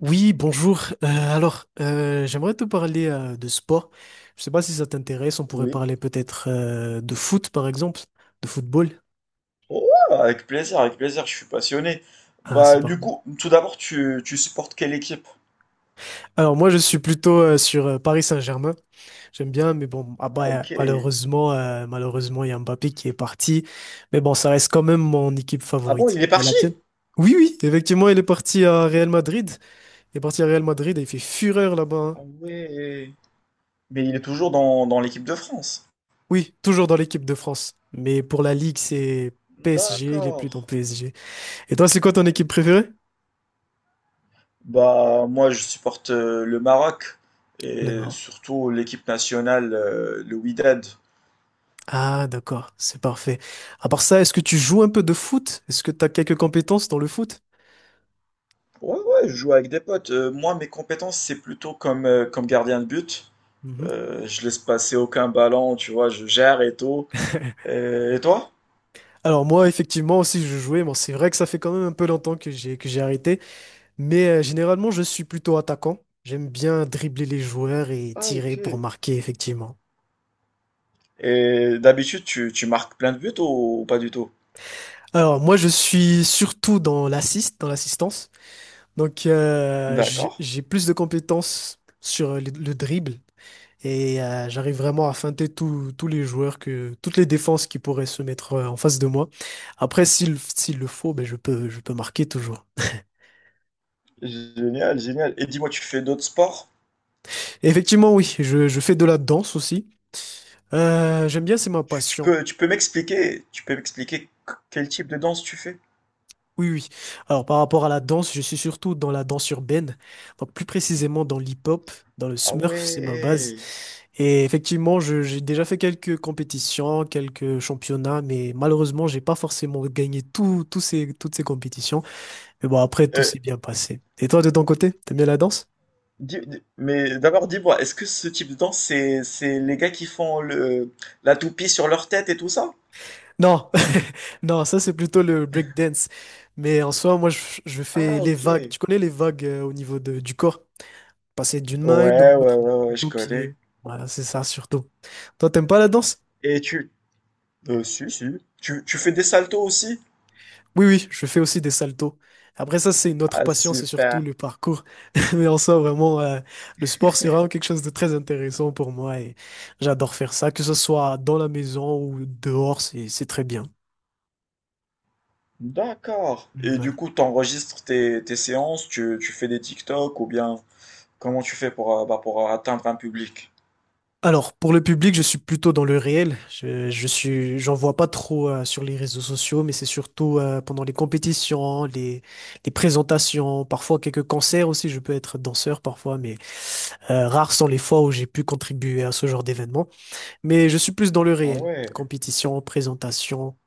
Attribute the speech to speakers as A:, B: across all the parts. A: Oui, bonjour. J'aimerais te parler de sport. Je sais pas si ça t'intéresse. On pourrait
B: Oui.
A: parler peut-être de foot, par exemple, de football.
B: Oh, avec plaisir, je suis passionné.
A: Ah, c'est
B: Bah, du
A: parfait.
B: coup, tout d'abord, tu supportes quelle équipe?
A: Alors moi, je suis plutôt sur Paris Saint-Germain. J'aime bien, mais bon, ah
B: Ah,
A: bah,
B: ok.
A: malheureusement, il y a Mbappé qui est parti. Mais bon, ça reste quand même mon équipe
B: Ah bon,
A: favorite.
B: il est
A: Et la
B: parti?
A: tienne? Oui, oui, effectivement, il est parti à Real Madrid. Il est parti à Real Madrid et il fait fureur là-bas, hein.
B: Ah ouais. Mais il est toujours dans l'équipe de France.
A: Oui, toujours dans l'équipe de France. Mais pour la Ligue, c'est PSG, il est
B: D'accord.
A: plus dans PSG. Et toi, c'est quoi ton équipe préférée?
B: Bah, moi, je supporte le Maroc
A: Le
B: et
A: Maroc.
B: surtout l'équipe nationale, le Wydad.
A: Ah, d'accord, c'est parfait. À part ça, est-ce que tu joues un peu de foot? Est-ce que tu as quelques compétences dans le foot?
B: Ouais, ouais, je joue avec des potes. Moi, mes compétences, c'est plutôt comme, comme gardien de but.
A: Mhm.
B: Je laisse passer aucun ballon, tu vois, je gère et tout. Et toi?
A: Alors moi, effectivement, aussi, je jouais. Bon, c'est vrai que ça fait quand même un peu longtemps que j'ai arrêté. Mais généralement, je suis plutôt attaquant. J'aime bien dribbler les joueurs et
B: Ah, ok.
A: tirer pour marquer, effectivement.
B: Et d'habitude, tu marques plein de buts ou pas du tout?
A: Alors moi, je suis surtout dans l'assist, dans l'assistance. Donc, j'ai
B: D'accord.
A: j'ai plus de compétences sur le dribble et j'arrive vraiment à feinter tous les joueurs, toutes les défenses qui pourraient se mettre en face de moi. Après, s'il le faut, ben, je peux marquer toujours.
B: Génial, génial. Et dis-moi, tu fais d'autres sports?
A: Et effectivement, oui, je fais de la danse aussi. J'aime bien, c'est ma
B: Tu, tu
A: passion.
B: peux, tu peux m'expliquer, tu peux m'expliquer quel type de danse tu fais?
A: Oui, oui. Alors, par rapport à la danse, je suis surtout dans la danse urbaine, donc plus précisément dans l'hip-hop, dans le
B: Ah
A: Smurf, c'est ma base.
B: ouais.
A: Et effectivement, j'ai déjà fait quelques compétitions, quelques championnats, mais malheureusement, j'ai pas forcément gagné toutes ces compétitions. Mais bon, après, tout
B: Euh,
A: s'est bien passé. Et toi, de ton côté, t'aimes bien la danse?
B: mais d'abord, dis-moi, est-ce que ce type de danse, c'est les gars qui font la toupie sur leur tête et tout ça?
A: Non, non, ça c'est plutôt le breakdance. Mais en soi, je fais
B: Ah,
A: les
B: ok.
A: vagues.
B: Ouais,
A: Tu connais les vagues au niveau du corps? Passer d'une main à une autre,
B: ouais, ouais,
A: de la
B: ouais,
A: tête
B: je
A: aux
B: connais.
A: pieds. Voilà, c'est ça surtout. Toi, t'aimes pas la danse?
B: Et tu... Si, si. Tu fais des saltos aussi?
A: Oui, oui, je fais aussi des saltos. Après ça, c'est une autre
B: Ah,
A: passion, c'est surtout
B: super.
A: le parcours. Mais en soi, vraiment, le sport, c'est vraiment quelque chose de très intéressant pour moi et j'adore faire ça, que ce soit dans la maison ou dehors, c'est très bien.
B: D'accord. Et du
A: Voilà.
B: coup, tu enregistres tes séances, tu fais des TikTok ou bien comment tu fais pour, pour atteindre un public?
A: Alors, pour le public, je suis plutôt dans le réel. Je suis, j'en vois pas trop sur les réseaux sociaux, mais c'est surtout pendant les compétitions, les présentations, parfois quelques concerts aussi. Je peux être danseur parfois, mais rares sont les fois où j'ai pu contribuer à ce genre d'événement. Mais je suis plus dans le
B: Ah
A: réel.
B: ouais,
A: Compétition, présentation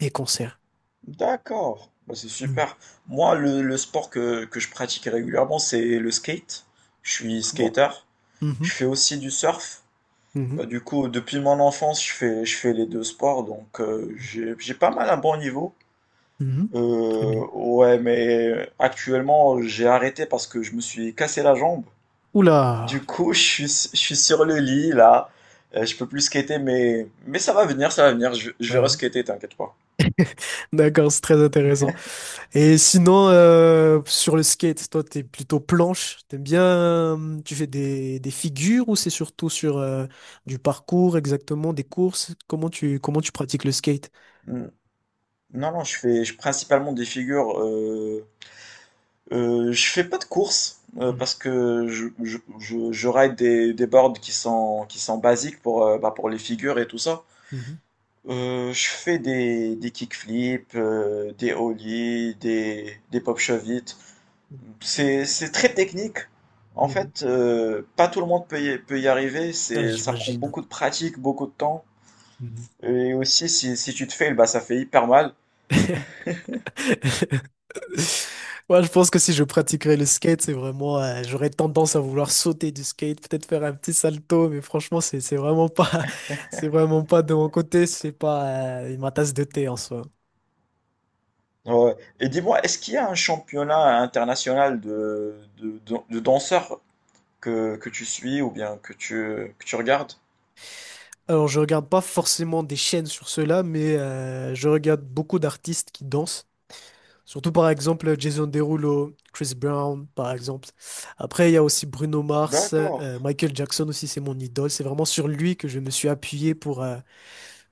A: et concerts.
B: d'accord. Bah, c'est
A: Hmm.
B: super. Moi, le sport que je pratique régulièrement, c'est le skate. Je suis
A: Ah bon.
B: skater. Je
A: Mhm,
B: fais aussi du surf. Bah,
A: mhm,
B: du coup, depuis mon enfance, je fais les deux sports, donc j'ai pas mal un bon niveau.
A: mhm. Très bien.
B: Ouais, mais actuellement, j'ai arrêté parce que je me suis cassé la jambe.
A: Oula!
B: Du coup, je suis sur le lit là. Je peux plus skater, mais ça va venir, ça va venir. Je
A: Ah
B: vais
A: oui.
B: reskater, t'inquiète pas.
A: D'accord, c'est très intéressant. Et sinon, sur le skate, toi, t'es plutôt planche. T'aimes bien, tu fais des figures ou c'est surtout sur du parcours exactement, des courses? Comment tu pratiques le skate?
B: Hmm. Non, non, principalement des figures. Je fais pas de course parce que je ride des boards qui sont basiques pour, pour les figures et tout ça.
A: Mhm,
B: Je fais des kickflips, des ollies, des pop shove.
A: mhm,
B: C'est très technique. En
A: mhm.
B: fait, pas tout le monde peut peut y arriver.
A: Ah,
B: C'est, ça prend
A: j'imagine.
B: beaucoup de pratique, beaucoup de temps.
A: Mhm.
B: Et aussi, si, si tu te fais bah, ça fait hyper mal.
A: Moi, je pense que si je pratiquerais le skate, c'est vraiment, j'aurais tendance à vouloir sauter du skate, peut-être faire un petit salto, mais franchement, c'est vraiment pas, c'est vraiment pas de mon côté, c'est pas ma tasse de thé en soi.
B: Ouais. Et dis-moi, est-ce qu'il y a un championnat international de danseurs que tu suis ou bien que tu regardes?
A: Alors, je regarde pas forcément des chaînes sur cela, mais je regarde beaucoup d'artistes qui dansent. Surtout par exemple Jason Derulo, Chris Brown par exemple. Après il y a aussi Bruno Mars,
B: D'accord.
A: Michael Jackson aussi c'est mon idole. C'est vraiment sur lui que je me suis appuyé pour. euh,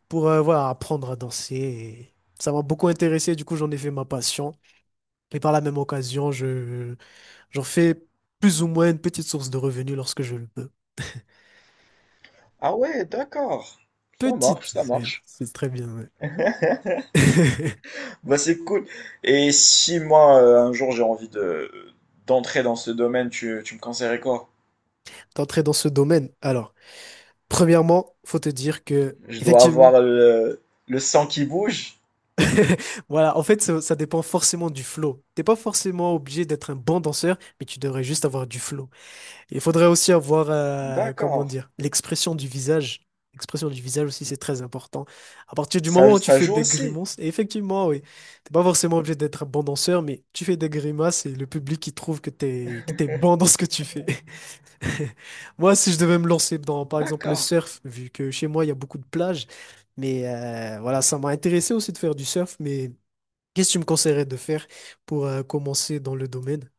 A: pour euh, voilà, apprendre à danser, et ça m'a beaucoup intéressé, du coup j'en ai fait ma passion. Et par la même occasion, j'en fais plus ou moins une petite source de revenus lorsque je le peux.
B: Ah ouais, d'accord. Ça marche,
A: Petite,
B: ça marche.
A: c'est très bien, ouais.
B: Bah, c'est cool. Et si moi, un jour, j'ai envie de, d'entrer dans ce domaine, tu me conseillerais quoi?
A: D'entrer dans ce domaine. Alors, premièrement, faut te dire que,
B: Je dois
A: effectivement,
B: avoir le sang qui bouge.
A: voilà, en fait, ça dépend forcément du flow. T'es pas forcément obligé d'être un bon danseur, mais tu devrais juste avoir du flow. Il faudrait aussi avoir, comment
B: D'accord.
A: dire, l'expression du visage. L'expression du visage aussi, c'est très important. À partir du
B: Ça,
A: moment où tu
B: ça
A: fais
B: joue
A: des
B: aussi.
A: grimaces, et effectivement, oui, t'es pas forcément obligé d'être un bon danseur, mais tu fais des grimaces et le public, il trouve que que t'es bon dans ce que tu fais. Moi, si je devais me lancer dans, par exemple, le
B: D'accord.
A: surf, vu que chez moi, il y a beaucoup de plages, mais voilà, ça m'a intéressé aussi de faire du surf, mais qu'est-ce que tu me conseillerais de faire pour commencer dans le domaine?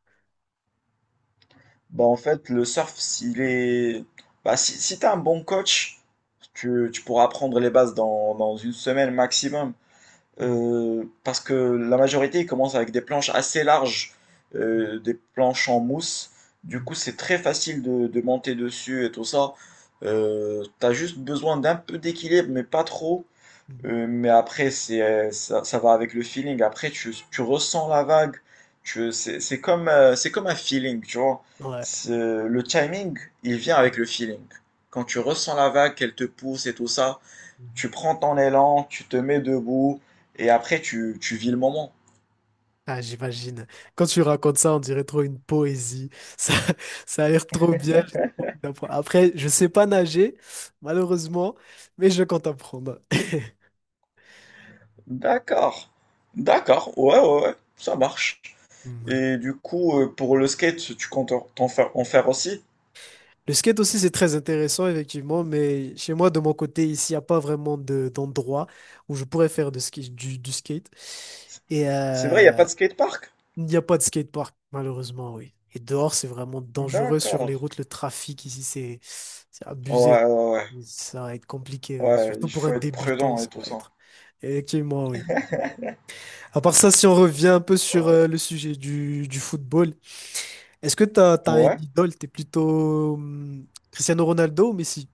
B: Bah, en fait, le surf, s'il est... Bah, si, si t'as un bon coach, tu pourras apprendre les bases dans une semaine maximum.
A: Hmm.
B: Parce que la majorité, ils commencent avec des planches assez larges, des planches en mousse. Du
A: Mhm,
B: coup, c'est très facile de monter dessus et tout ça. T'as juste besoin d'un peu d'équilibre, mais pas trop.
A: mhm.
B: Mais après, ça, ça va avec le feeling. Après, tu ressens la vague. C'est comme un feeling, tu vois.
A: Ouais.
B: C'est- Le timing, il vient avec le feeling. Quand tu ressens la vague, qu'elle te pousse et tout ça,
A: Mhm.
B: tu prends ton élan, tu te mets debout, et après, tu vis le moment.
A: Ah, j'imagine. Quand tu racontes ça, on dirait trop une poésie. Ça, ça a l'air trop bien, j'ai trop envie d'apprendre. Après, je sais pas nager, malheureusement, mais je compte apprendre.
B: D'accord. D'accord. Ouais, ouais, ouais. Ça marche.
A: Mm, voilà.
B: Et du coup, pour le skate, tu comptes en faire aussi?
A: Le skate aussi, c'est très intéressant, effectivement, mais chez moi, de mon côté, ici, il n'y a pas vraiment d'endroit où je pourrais faire de ski, du skate. Et
B: C'est vrai, il n'y a
A: euh,
B: pas de skatepark?
A: Il n'y a pas de skatepark, malheureusement, oui. Et dehors, c'est vraiment dangereux sur
B: D'accord.
A: les routes. Le trafic ici, c'est abusé.
B: Ouais, ouais, ouais.
A: Et ça va être compliqué, oui.
B: Ouais,
A: Surtout
B: il
A: pour
B: faut
A: un
B: être
A: débutant,
B: prudent et
A: ça va
B: tout ça.
A: être. Effectivement, oui. À part ça, si on revient un peu sur
B: Ouais.
A: le sujet du football, est-ce que t'as un
B: Ouais.
A: idole? T'es plutôt Cristiano Ronaldo ou Messi?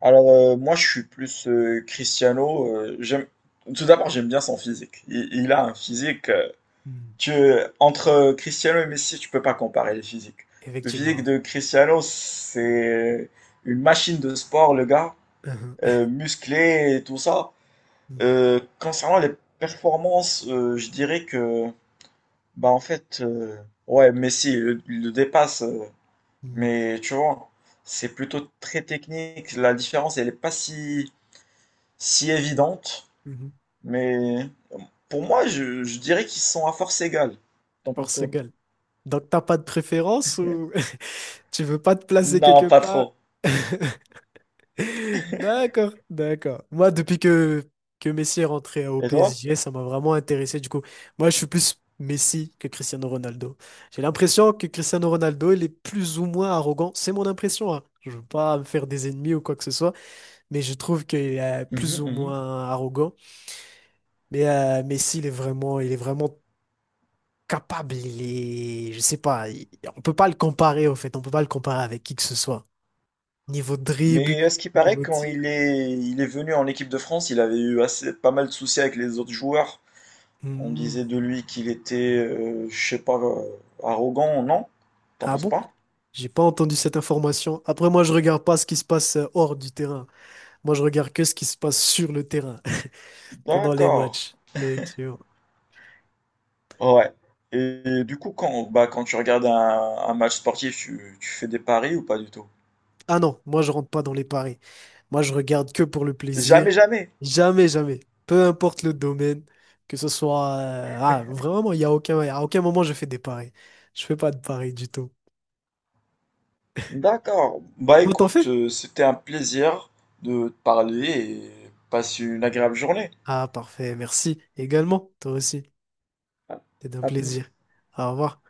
B: Alors, moi, je suis plus Cristiano. Tout d'abord, j'aime bien son physique. Il a un physique.
A: Hmm.
B: Tu... Entre Cristiano et Messi, tu peux pas comparer les physiques. Le
A: Effectivement,
B: physique
A: ouais.
B: de Cristiano, c'est une machine de sport, le gars.
A: Uhum.
B: Musclé et tout ça. Concernant les performances, je dirais que, bah, en fait, ouais, il le dépasse.
A: Mhm.
B: Mais tu vois, c'est plutôt très technique. La différence, elle n'est pas si, si évidente.
A: Mhm. Mhm.
B: Mais pour moi, je dirais qu'ils sont à force égale. T'en penses quoi?
A: Portugal. Donc, t'as pas de préférence ou tu veux pas te placer
B: Non,
A: quelque
B: pas
A: part?
B: trop.
A: D'accord, d'accord. Moi, depuis que Messi est rentré au
B: Et toi?
A: PSG, ça m'a vraiment intéressé. Du coup, moi, je suis plus Messi que Cristiano Ronaldo. J'ai l'impression que Cristiano Ronaldo, il est plus ou moins arrogant. C'est mon impression, hein. Je veux pas me faire des ennemis ou quoi que ce soit, mais je trouve qu'il est plus
B: Mhm,
A: ou
B: mhm.
A: moins arrogant. Mais Messi, il est vraiment capable. Il est, je sais pas, on peut pas le comparer, au fait. On peut pas le comparer avec qui que ce soit. Niveau dribble,
B: Mais à ce qui paraît,
A: niveau
B: quand
A: tir.
B: il est venu en équipe de France, il avait eu assez, pas mal de soucis avec les autres joueurs. On
A: Hmm.
B: disait de lui qu'il était, je sais pas, arrogant, non? T'en
A: Ah
B: penses
A: bon?
B: pas?
A: J'ai pas entendu cette information. Après, moi, je regarde pas ce qui se passe hors du terrain. Moi, je regarde que ce qui se passe sur le terrain pendant les
B: D'accord.
A: matchs. Effectivement.
B: Ouais. Et du coup, quand tu regardes un match sportif, tu fais des paris ou pas du tout?
A: Ah non, moi, je rentre pas dans les paris. Moi, je regarde que pour le plaisir.
B: Jamais, jamais.
A: Jamais, jamais. Peu importe le domaine, que ce soit. Ah, vraiment, il y a aucun, à aucun moment, je fais des paris. Je fais pas de paris du tout.
B: D'accord. Bah
A: Toi, t'en fais?
B: écoute, c'était un plaisir de te parler et passe une agréable journée.
A: Ah, parfait. Merci également. Toi aussi.
B: À
A: C'est un
B: à plus.
A: plaisir. Au revoir.